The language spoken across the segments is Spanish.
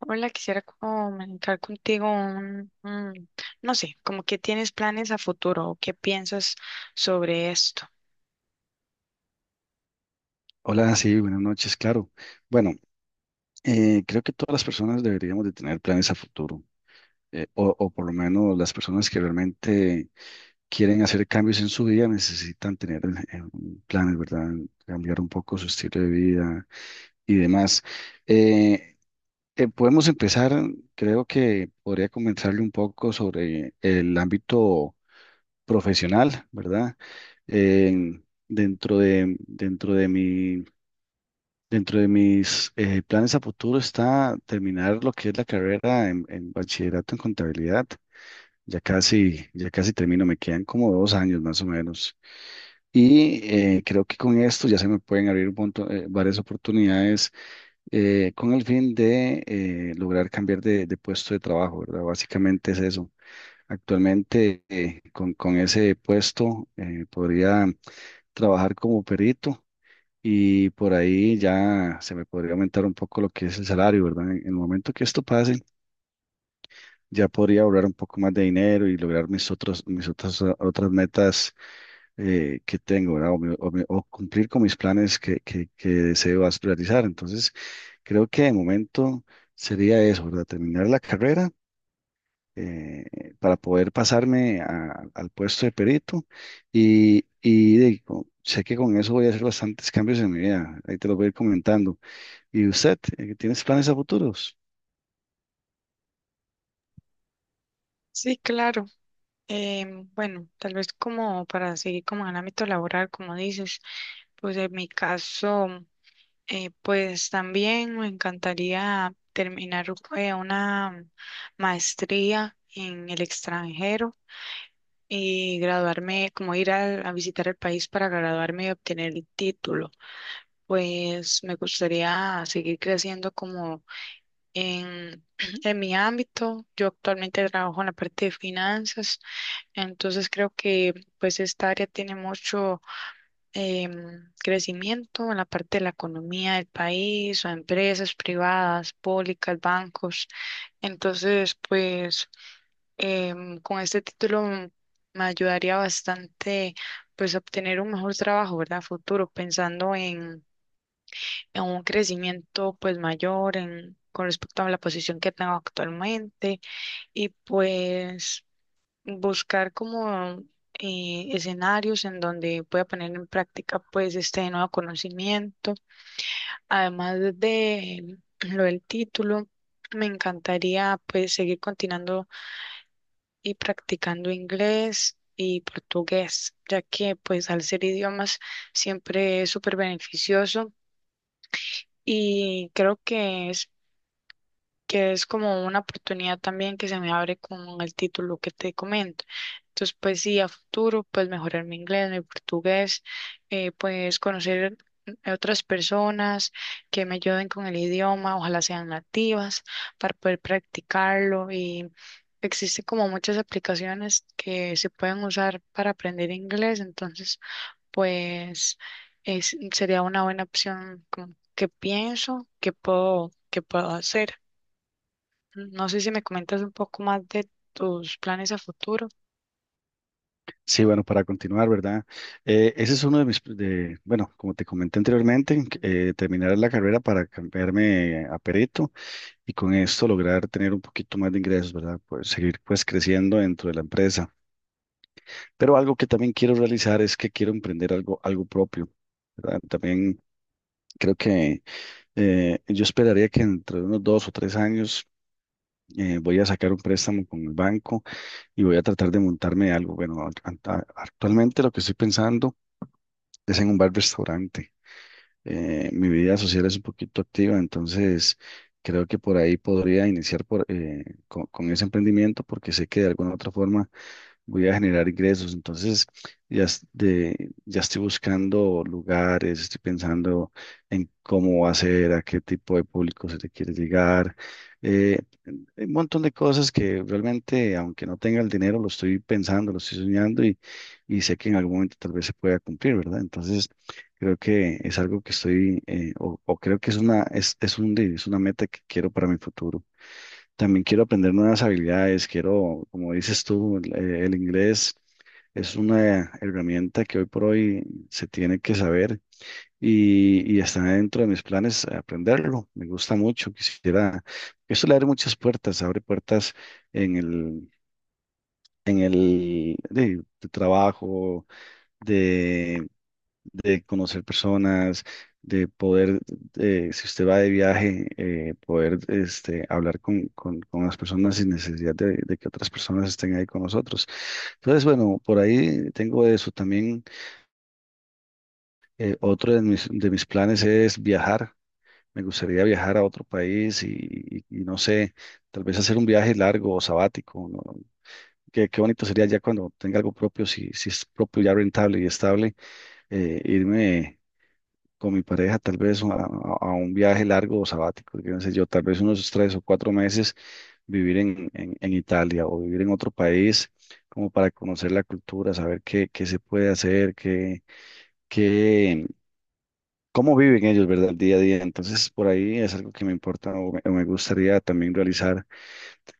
Hola, quisiera comunicar contigo no sé, como que tienes planes a futuro o qué piensas sobre esto. Hola, sí, buenas noches, claro. Bueno, creo que todas las personas deberíamos de tener planes a futuro, o por lo menos las personas que realmente quieren hacer cambios en su vida necesitan tener un planes, ¿verdad? Cambiar un poco su estilo de vida y demás. Eh, Podemos empezar, creo que podría comentarle un poco sobre el ámbito profesional, ¿verdad? En- dentro de, dentro de mi Dentro de mis planes a futuro está terminar lo que es la carrera en bachillerato en contabilidad. Ya casi termino, me quedan como 2 años más o menos. Y creo que con esto ya se me pueden abrir varias oportunidades con el fin de lograr cambiar de puesto de trabajo, ¿verdad? Básicamente es eso. Actualmente con ese puesto podría trabajar como perito y por ahí ya se me podría aumentar un poco lo que es el salario, ¿verdad? En el momento que esto pase, ya podría ahorrar un poco más de dinero y lograr mis otras, otras metas que tengo, ¿verdad? O cumplir con mis planes que deseo aspirarizar. Entonces, creo que de momento sería eso, ¿verdad? Terminar la carrera. eh, para poder al puesto de perito y sé que con eso voy a hacer bastantes cambios en mi vida, ahí te los voy a ir comentando. ¿Y usted tienes planes a futuros? Sí, claro. Bueno, tal vez como para seguir como en el ámbito laboral, como dices, pues en mi caso, pues también me encantaría terminar una maestría en el extranjero y graduarme, como ir a visitar el país para graduarme y obtener el título. Pues me gustaría seguir creciendo como en, en mi ámbito. Yo actualmente trabajo en la parte de finanzas, entonces creo que pues esta área tiene mucho crecimiento en la parte de la economía del país o empresas privadas, públicas, bancos. Entonces pues con este título me ayudaría bastante pues a obtener un mejor trabajo, ¿verdad? Futuro, pensando en un crecimiento pues mayor en, con respecto a la posición que tengo actualmente y pues buscar como escenarios en donde pueda poner en práctica pues este nuevo conocimiento. Además de lo del título, me encantaría pues seguir continuando y practicando inglés y portugués, ya que pues al ser idiomas siempre es súper beneficioso y creo que es como una oportunidad también que se me abre con el título que te comento. Entonces, pues sí, a futuro, pues mejorar mi inglés, mi portugués, pues conocer a otras personas que me ayuden con el idioma, ojalá sean nativas, para poder practicarlo. Y existe como muchas aplicaciones que se pueden usar para aprender inglés, entonces, pues sería una buena opción como que pienso que puedo hacer. No sé si me comentas un poco más de tus planes a futuro. Sí, bueno, para continuar, ¿verdad? Ese es uno de bueno, como te comenté anteriormente, terminar la carrera para cambiarme a perito y con esto lograr tener un poquito más de ingresos, ¿verdad? Pues seguir pues creciendo dentro de la empresa. Pero algo que también quiero realizar es que quiero emprender algo, algo propio, ¿verdad? También creo que yo esperaría que entre unos 2 o 3 años voy a sacar un préstamo con el banco y voy a tratar de montarme algo. Actualmente lo que estoy pensando es en un bar-restaurante. Mi vida social es un poquito activa, entonces creo que por ahí podría iniciar con ese emprendimiento porque sé que de alguna u otra forma voy a generar ingresos. Entonces ya estoy buscando lugares, estoy pensando en cómo hacer, a qué tipo de público se te quiere llegar. Eh, Hay un montón de cosas que realmente, aunque no tenga el dinero, lo estoy pensando, lo estoy soñando y sé que en algún momento tal vez se pueda cumplir, ¿verdad? Entonces, creo que es algo que estoy, o creo que es una, es un, de- es una meta que quiero para mi futuro. También quiero aprender nuevas habilidades, quiero, como dices tú, el inglés es una herramienta que hoy por hoy se tiene que saber y está dentro de mis planes aprenderlo. Me gusta mucho, quisiera. Eso le abre muchas puertas, abre puertas en el, en el de trabajo, de, de conocer personas, de poder, si usted va de viaje, poder este, hablar con las personas sin necesidad de que otras personas estén ahí con nosotros. Entonces, bueno, por ahí tengo eso también. Otro de de mis planes es viajar. Me gustaría viajar a otro país y no sé, tal vez hacer un viaje largo o sabático, ¿no? Qué, qué bonito sería ya cuando tenga algo propio, si, si es propio ya rentable y estable, irme con mi pareja tal vez a un viaje largo o sabático, yo no sé yo, tal vez unos 3 o 4 meses vivir en Italia o vivir en otro país como para conocer la cultura, saber qué, qué se puede hacer, qué, cómo viven ellos, ¿verdad? El día a día. Entonces, por ahí es algo que me importa o me gustaría también realizar.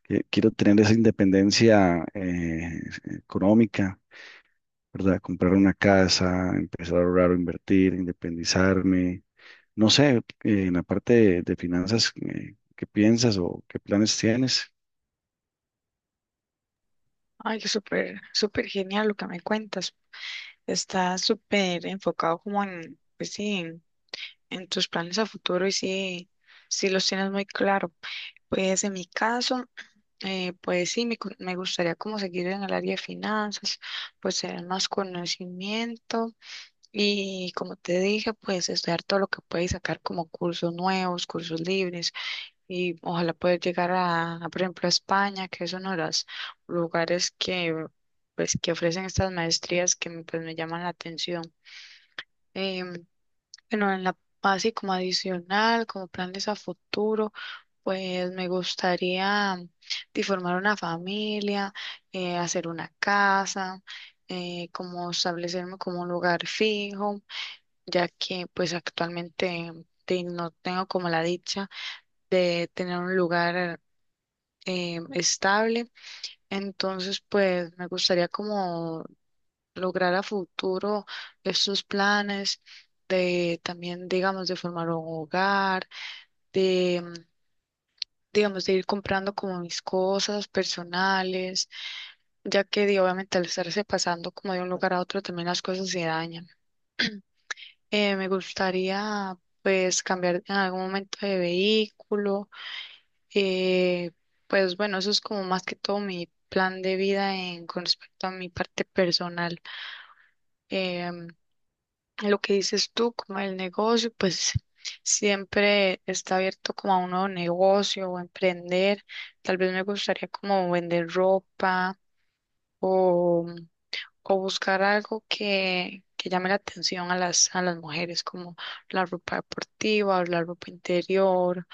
Que Quiero tener esa independencia económica, ¿verdad? Comprar una casa, empezar a ahorrar o invertir, independizarme. No sé, en la parte de finanzas, ¿qué piensas o qué planes tienes? Ay, qué súper, súper genial lo que me cuentas. Estás súper enfocado como en, en tus planes a futuro y sí, sí los tienes muy claro. Pues en mi caso, pues sí, me gustaría como seguir en el área de finanzas, pues tener más conocimiento y como te dije, pues estudiar todo lo que puedes sacar como cursos nuevos, cursos libres y ojalá poder llegar a, por ejemplo, a España, que es uno de los lugares que, pues, que ofrecen estas maestrías que pues, me llaman la atención. Em, bueno, en la así como adicional, como planes a futuro, pues me gustaría de formar una familia, hacer una casa, como establecerme como un lugar fijo, ya que pues actualmente no tengo como la dicha de tener un lugar estable. Entonces, pues me gustaría como lograr a futuro estos planes de también, digamos, de formar un hogar, de, mm, digamos, de ir comprando como mis cosas personales, ya que di, obviamente al estarse pasando como de un lugar a otro también las cosas se dañan. Me gustaría pues cambiar en algún momento de vehículo. Eh, pues bueno, eso es como más que todo mi plan de vida en, con respecto a mi parte personal. Em, lo que dices tú, como el negocio, pues siempre está abierto como a un nuevo negocio o emprender. Tal vez me gustaría como vender ropa o, o buscar algo que llame la atención a las mujeres, como la ropa deportiva o la ropa interior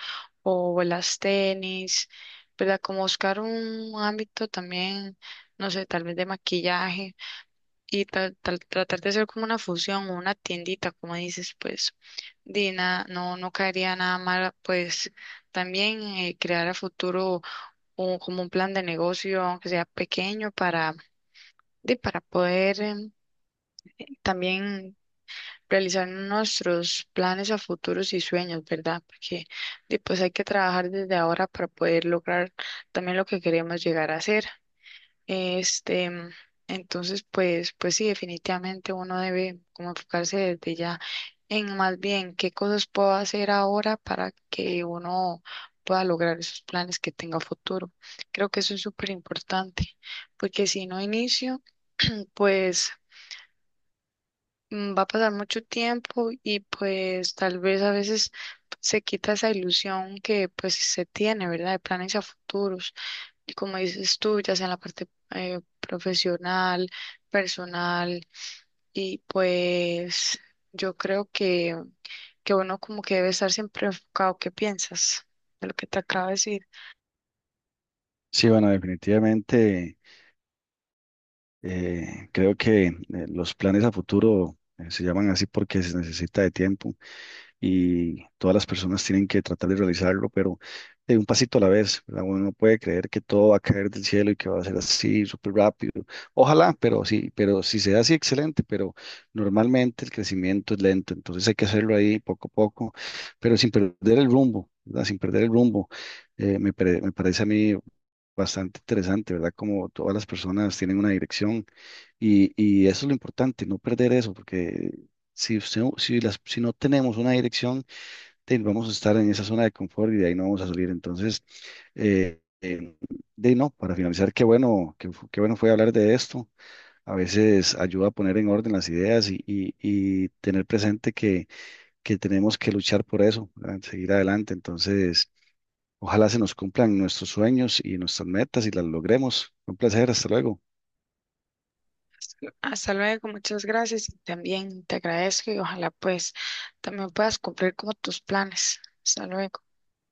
o las tenis, ¿verdad? Como buscar un ámbito también, no sé, tal vez de maquillaje y tratar de hacer como una fusión o una tiendita, como dices, pues, Dina, no, no caería nada mal, pues, también crear a futuro como un plan de negocio, aunque sea pequeño, para, de, para poder también realizar nuestros planes a futuros y sueños, ¿verdad? Porque pues hay que trabajar desde ahora para poder lograr también lo que queremos llegar a hacer. Este, entonces, pues, pues sí, definitivamente uno debe como enfocarse desde ya en más bien qué cosas puedo hacer ahora para que uno pueda lograr esos planes que tenga a futuro. Creo que eso es súper importante, porque si no inicio, pues va a pasar mucho tiempo y pues tal vez a veces se quita esa ilusión que pues se tiene, ¿verdad? De planes a futuros. Y como dices tú, ya sea en la parte profesional, personal, y pues yo creo que uno como que debe estar siempre enfocado. ¿Qué piensas de lo que te acabo de decir? Sí, bueno, definitivamente creo que los planes a futuro se llaman así porque se necesita de tiempo. Y todas las personas tienen que tratar de realizarlo, pero de un pasito a la vez, ¿verdad? Uno no puede creer que todo va a caer del cielo y que va a ser así, súper rápido. Ojalá, pero sí, pero si se da así, excelente, pero normalmente el crecimiento es lento, entonces hay que hacerlo ahí poco a poco, pero sin perder el rumbo, ¿verdad? Sin perder el rumbo. Me parece a mí bastante interesante, ¿verdad? Como todas las personas tienen una dirección y eso es lo importante, no perder eso, porque si no tenemos una dirección, vamos a estar en esa zona de confort y de ahí no vamos a salir. Entonces, eh, eh, de no, para finalizar, qué bueno fue hablar de esto. A veces ayuda a poner en orden las ideas y tener presente que tenemos que luchar por eso, ¿verdad? Seguir adelante. Entonces... Ojalá se nos cumplan nuestros sueños y nuestras metas y las logremos. Un placer, hasta luego. Hasta luego, muchas gracias y también te agradezco y ojalá pues también puedas cumplir como tus planes. Hasta luego.